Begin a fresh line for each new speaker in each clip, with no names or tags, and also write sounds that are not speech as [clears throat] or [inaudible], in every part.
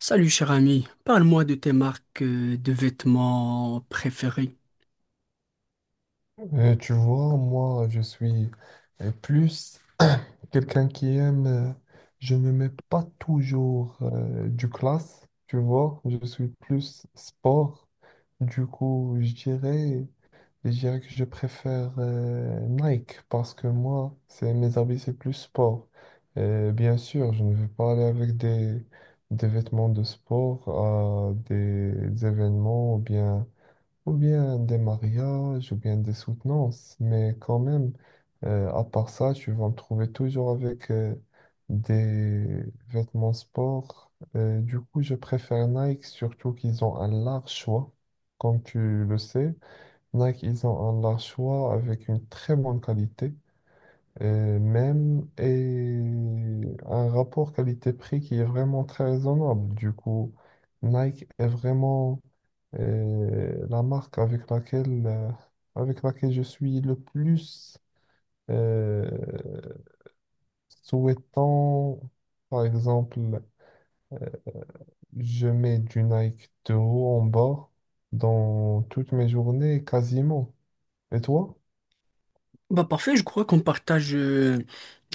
Salut cher ami, parle-moi de tes marques de vêtements préférées.
Tu vois, moi, je suis plus quelqu'un qui aime, je ne mets pas toujours du classe, tu vois, je suis plus sport. Du coup, je dirais que je préfère Nike parce que moi, c'est mes habits, c'est plus sport. Bien sûr, je ne vais pas aller avec des vêtements de sport à des événements ou bien des mariages, ou bien des soutenances. Mais quand même, à part ça, tu vas me trouver toujours avec des vêtements sport. Du coup, je préfère Nike, surtout qu'ils ont un large choix. Comme tu le sais, Nike, ils ont un large choix avec une très bonne qualité, et un rapport qualité-prix qui est vraiment très raisonnable. Du coup, Nike est vraiment et la marque avec avec laquelle je suis le plus euh, souhaitant, par exemple, je mets du Nike de haut en bas dans toutes mes journées, quasiment. Et toi?
Bah parfait, je crois qu'on partage, euh,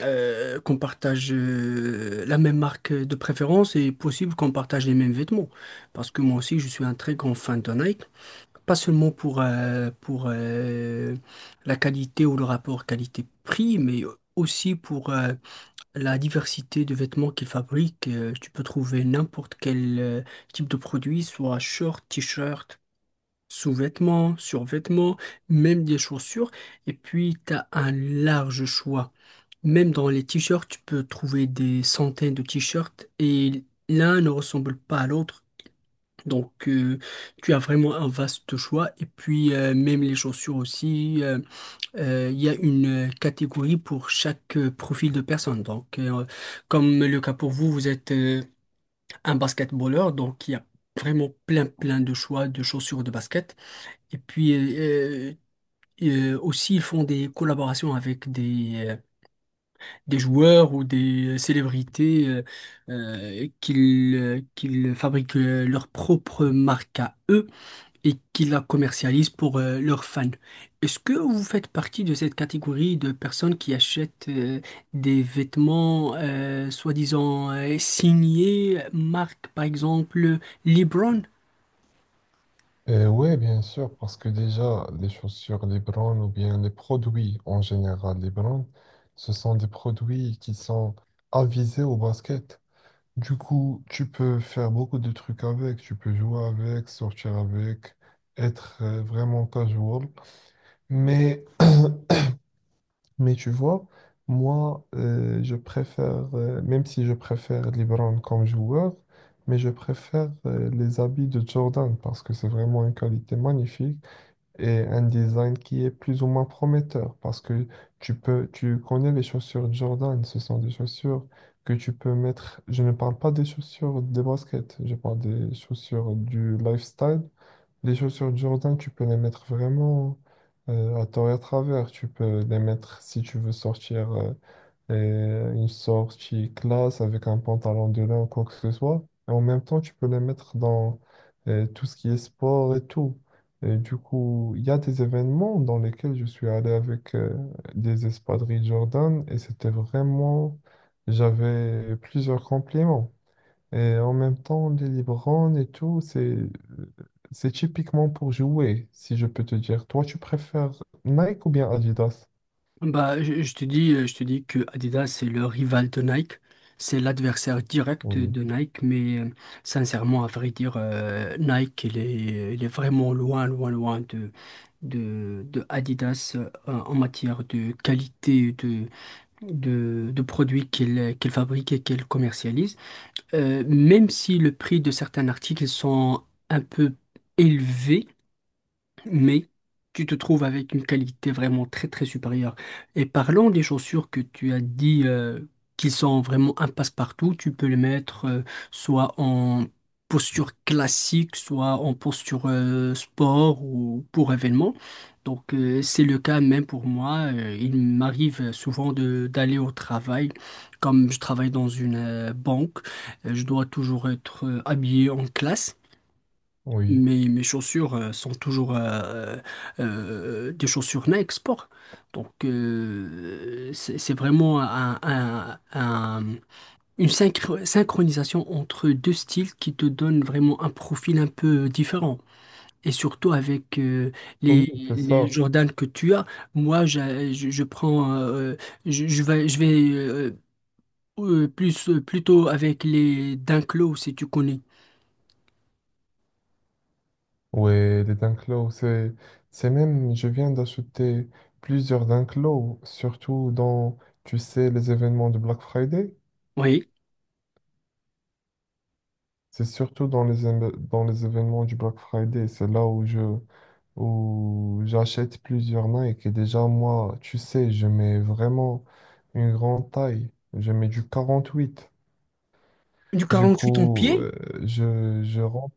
euh, qu'on partage euh, la même marque de préférence et possible qu'on partage les mêmes vêtements. Parce que moi aussi je suis un très grand fan de Nike, pas seulement pour la qualité ou le rapport qualité-prix, mais aussi pour la diversité de vêtements qu'ils fabriquent. Tu peux trouver n'importe quel type de produit, soit short, t-shirt, sous-vêtements, survêtements, même des chaussures. Et puis, tu as un large choix. Même dans les t-shirts, tu peux trouver des centaines de t-shirts et l'un ne ressemble pas à l'autre. Donc, tu as vraiment un vaste choix. Et puis, même les chaussures aussi, il y a une catégorie pour chaque profil de personne. Donc, comme le cas pour vous, vous êtes un basketballeur, donc il y a vraiment plein, plein de choix de chaussures de basket. Et puis euh, aussi, ils font des collaborations avec des joueurs ou des célébrités qu'ils fabriquent leur propre marque à eux et qu'ils la commercialisent pour leurs fans. Est-ce que vous faites partie de cette catégorie de personnes qui achètent des vêtements soi-disant signés, marque par exemple LeBron?
Ouais, bien sûr, parce que déjà, les chaussures, les brands ou bien les produits en général, les brands, ce sont des produits qui sont avisés au basket. Du coup, tu peux faire beaucoup de trucs avec, tu peux jouer avec, sortir avec, être vraiment casual. Mais, [clears throat] mais tu vois, moi, je préfère, même si je préfère LeBron comme joueur, mais je préfère les habits de Jordan parce que c'est vraiment une qualité magnifique et un design qui est plus ou moins prometteur parce que tu connais les chaussures Jordan, ce sont des chaussures que tu peux mettre. Je ne parle pas des chaussures des baskets, je parle des chaussures du lifestyle. Les chaussures Jordan, tu peux les mettre vraiment à tort et à travers. Tu peux les mettre si tu veux sortir. Et une sortie classe avec un pantalon de lin ou quoi que ce soit. Et en même temps, tu peux les mettre dans tout ce qui est sport et tout. Et du coup, il y a des événements dans lesquels je suis allé avec des espadrilles Jordan et c'était vraiment... J'avais plusieurs compliments. Et en même temps, les Libran et tout, c'est typiquement pour jouer, si je peux te dire. Toi, tu préfères Nike ou bien Adidas?
Bah, je te dis que Adidas, c'est le rival de Nike. C'est l'adversaire direct
Oui,
de Nike. Mais sincèrement, à vrai dire, Nike, il est vraiment loin, loin, loin de Adidas en matière de qualité de produits qu'il fabrique et qu'il commercialise. Même si le prix de certains articles sont un peu élevés, mais tu te trouves avec une qualité vraiment très très supérieure. Et parlant des chaussures que tu as dit qui sont vraiment un passe-partout, tu peux les mettre soit en posture classique, soit en posture sport ou pour événement. Donc, c'est le cas même pour moi. Il m'arrive souvent de d'aller au travail. Comme je travaille dans une banque, je dois toujours être habillé en classe.
oui.
Mes chaussures sont toujours des chaussures Nike Sport. Donc, c'est vraiment une synchronisation entre deux styles qui te donne vraiment un profil un peu différent. Et surtout avec
Oui,
les,
c'est
les
ça.
Jordan que tu as, moi, je prends, je vais plutôt avec les Dunk Low, si tu connais.
Ouais, c'est même, je viens d'acheter plusieurs Dunklo, surtout dans, tu sais, les événements de Black Friday.
Oui.
C'est surtout dans dans les événements du Black Friday, c'est là où j'achète plusieurs Nike. Et déjà, moi, tu sais, je mets vraiment une grande taille. Je mets du 48.
Du
Du
48 en
coup,
pied.
je rentre.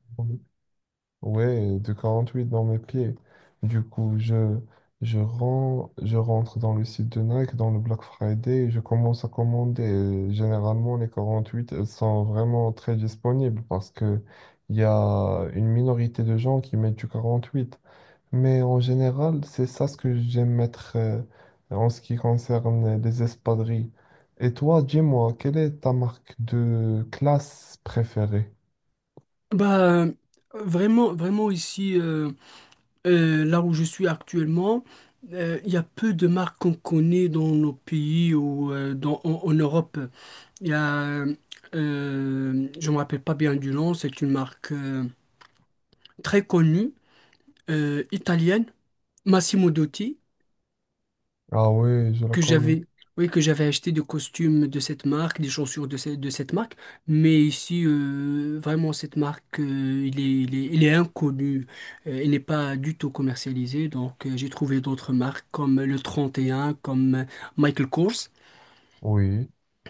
Ouais, de 48 dans mes pieds. Du coup, je rentre dans le site de Nike, dans le Black Friday, et je commence à commander. Généralement, les 48, elles sont vraiment très disponibles parce que il y a une minorité de gens qui mettent du 48, mais en général, c'est ça ce que j'aime mettre en ce qui concerne les espadrilles. Et toi, dis-moi, quelle est ta marque de classe préférée?
Bah, vraiment, vraiment ici, là où je suis actuellement, il y a peu de marques qu'on connaît dans nos pays ou en Europe. Il y a, je me rappelle pas bien du nom, c'est une marque très connue, italienne, Massimo Dutti.
Ah oui, je la
Que
connais.
j'avais, oui, que j'avais acheté des costumes de cette marque, des chaussures de cette marque, mais ici, vraiment, cette marque, il est inconnu, il n'est pas du tout commercialisé, donc j'ai trouvé d'autres marques comme le 31 comme Michael Kors,
Oui.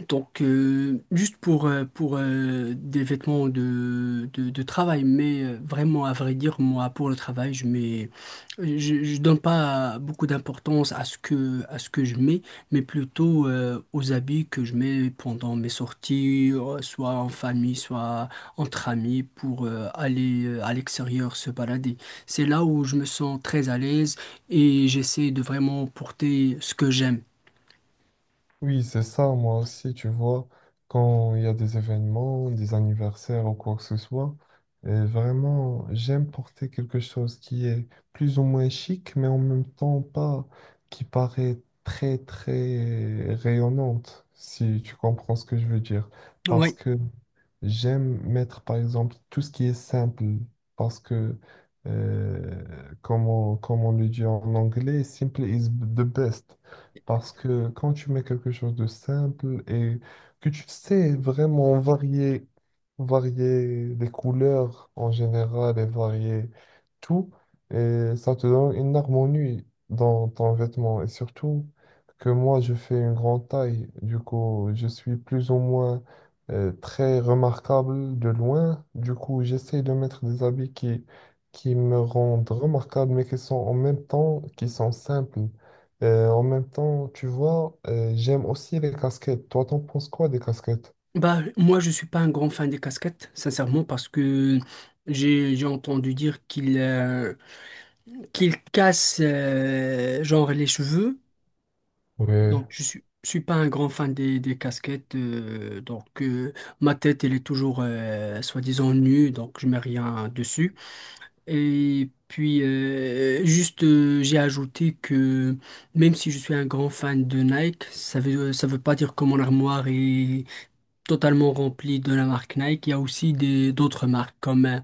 donc, juste pour des vêtements de travail, mais vraiment, à vrai dire, moi, pour le travail, je donne pas beaucoup d'importance à ce que je mets, mais plutôt aux habits que je mets pendant mes sorties, soit en famille, soit entre amis, pour aller à l'extérieur se balader. C'est là où je me sens très à l'aise et j'essaie de vraiment porter ce que j'aime.
Oui, c'est ça, moi aussi, tu vois, quand il y a des événements, des anniversaires ou quoi que ce soit, vraiment, j'aime porter quelque chose qui est plus ou moins chic, mais en même temps pas, qui paraît très, très rayonnante, si tu comprends ce que je veux dire. Parce
Ouais.
que j'aime mettre, par exemple, tout ce qui est simple, parce que, euh, comme on le dit en anglais, simple is the best. Parce que quand tu mets quelque chose de simple et que tu sais vraiment varier, varier les couleurs en général et varier tout, et ça te donne une harmonie dans ton vêtement. Et surtout que moi, je fais une grande taille. Du coup, je suis plus ou moins très remarquable de loin. Du coup, j'essaie de mettre des habits qui me rendent remarquable, mais qui sont en même temps, qui sont simples. En même temps, tu vois, j'aime aussi les casquettes. Toi, t'en penses quoi des casquettes?
Bah, moi, je suis pas un grand fan des casquettes, sincèrement, parce que j'ai entendu dire qu'ils qu'il casse genre les cheveux.
Oui,
Donc, je suis pas un grand fan des casquettes. Donc, ma tête, elle est toujours soi-disant nue, donc je mets rien dessus. Et puis, juste, j'ai ajouté que même si je suis un grand fan de Nike, ça veut pas dire que mon armoire est totalement rempli de la marque Nike. Il y a aussi des d'autres marques comme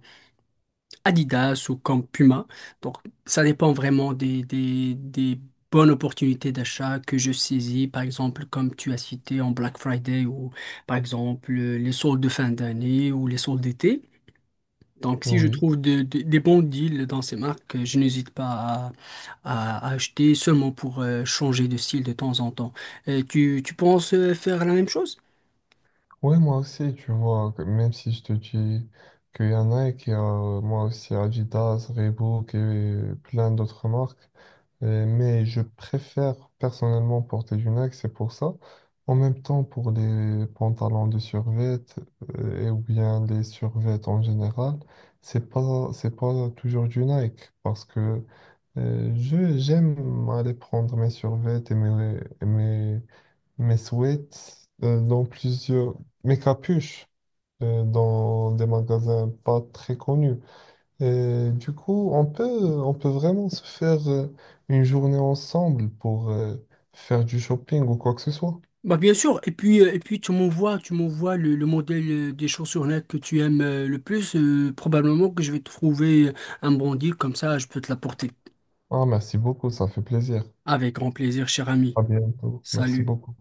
Adidas ou comme Puma. Donc, ça dépend vraiment des bonnes opportunités d'achat que je saisis, par exemple, comme tu as cité en Black Friday ou, par exemple, les soldes de fin d'année ou les soldes d'été. Donc, si je
oui.
trouve des bons deals dans ces marques, je n'hésite pas à acheter seulement pour changer de style de temps en temps. Tu penses faire la même chose?
Ouais, moi aussi, tu vois, que même si je te dis qu'il y en a et qu'il y a moi aussi Adidas, Reebok et plein d'autres marques, mais je préfère personnellement porter du Nike, c'est pour ça. En même temps, pour les pantalons de survêt et ou bien les survêtements en général, c'est pas toujours du Nike parce que je, j'aime aller prendre mes survêtements et mes mes sweats mes capuches dans des magasins pas très connus. Et du coup, on peut vraiment se faire une journée ensemble pour faire du shopping ou quoi que ce soit.
Bah bien sûr, et puis tu m'envoies le modèle des chaussures là que tu aimes le plus. Probablement que je vais trouver un bon deal, comme ça je peux te l'apporter.
Ah, merci beaucoup, ça fait plaisir.
Avec grand plaisir, cher ami.
À bientôt. Merci
Salut.
beaucoup.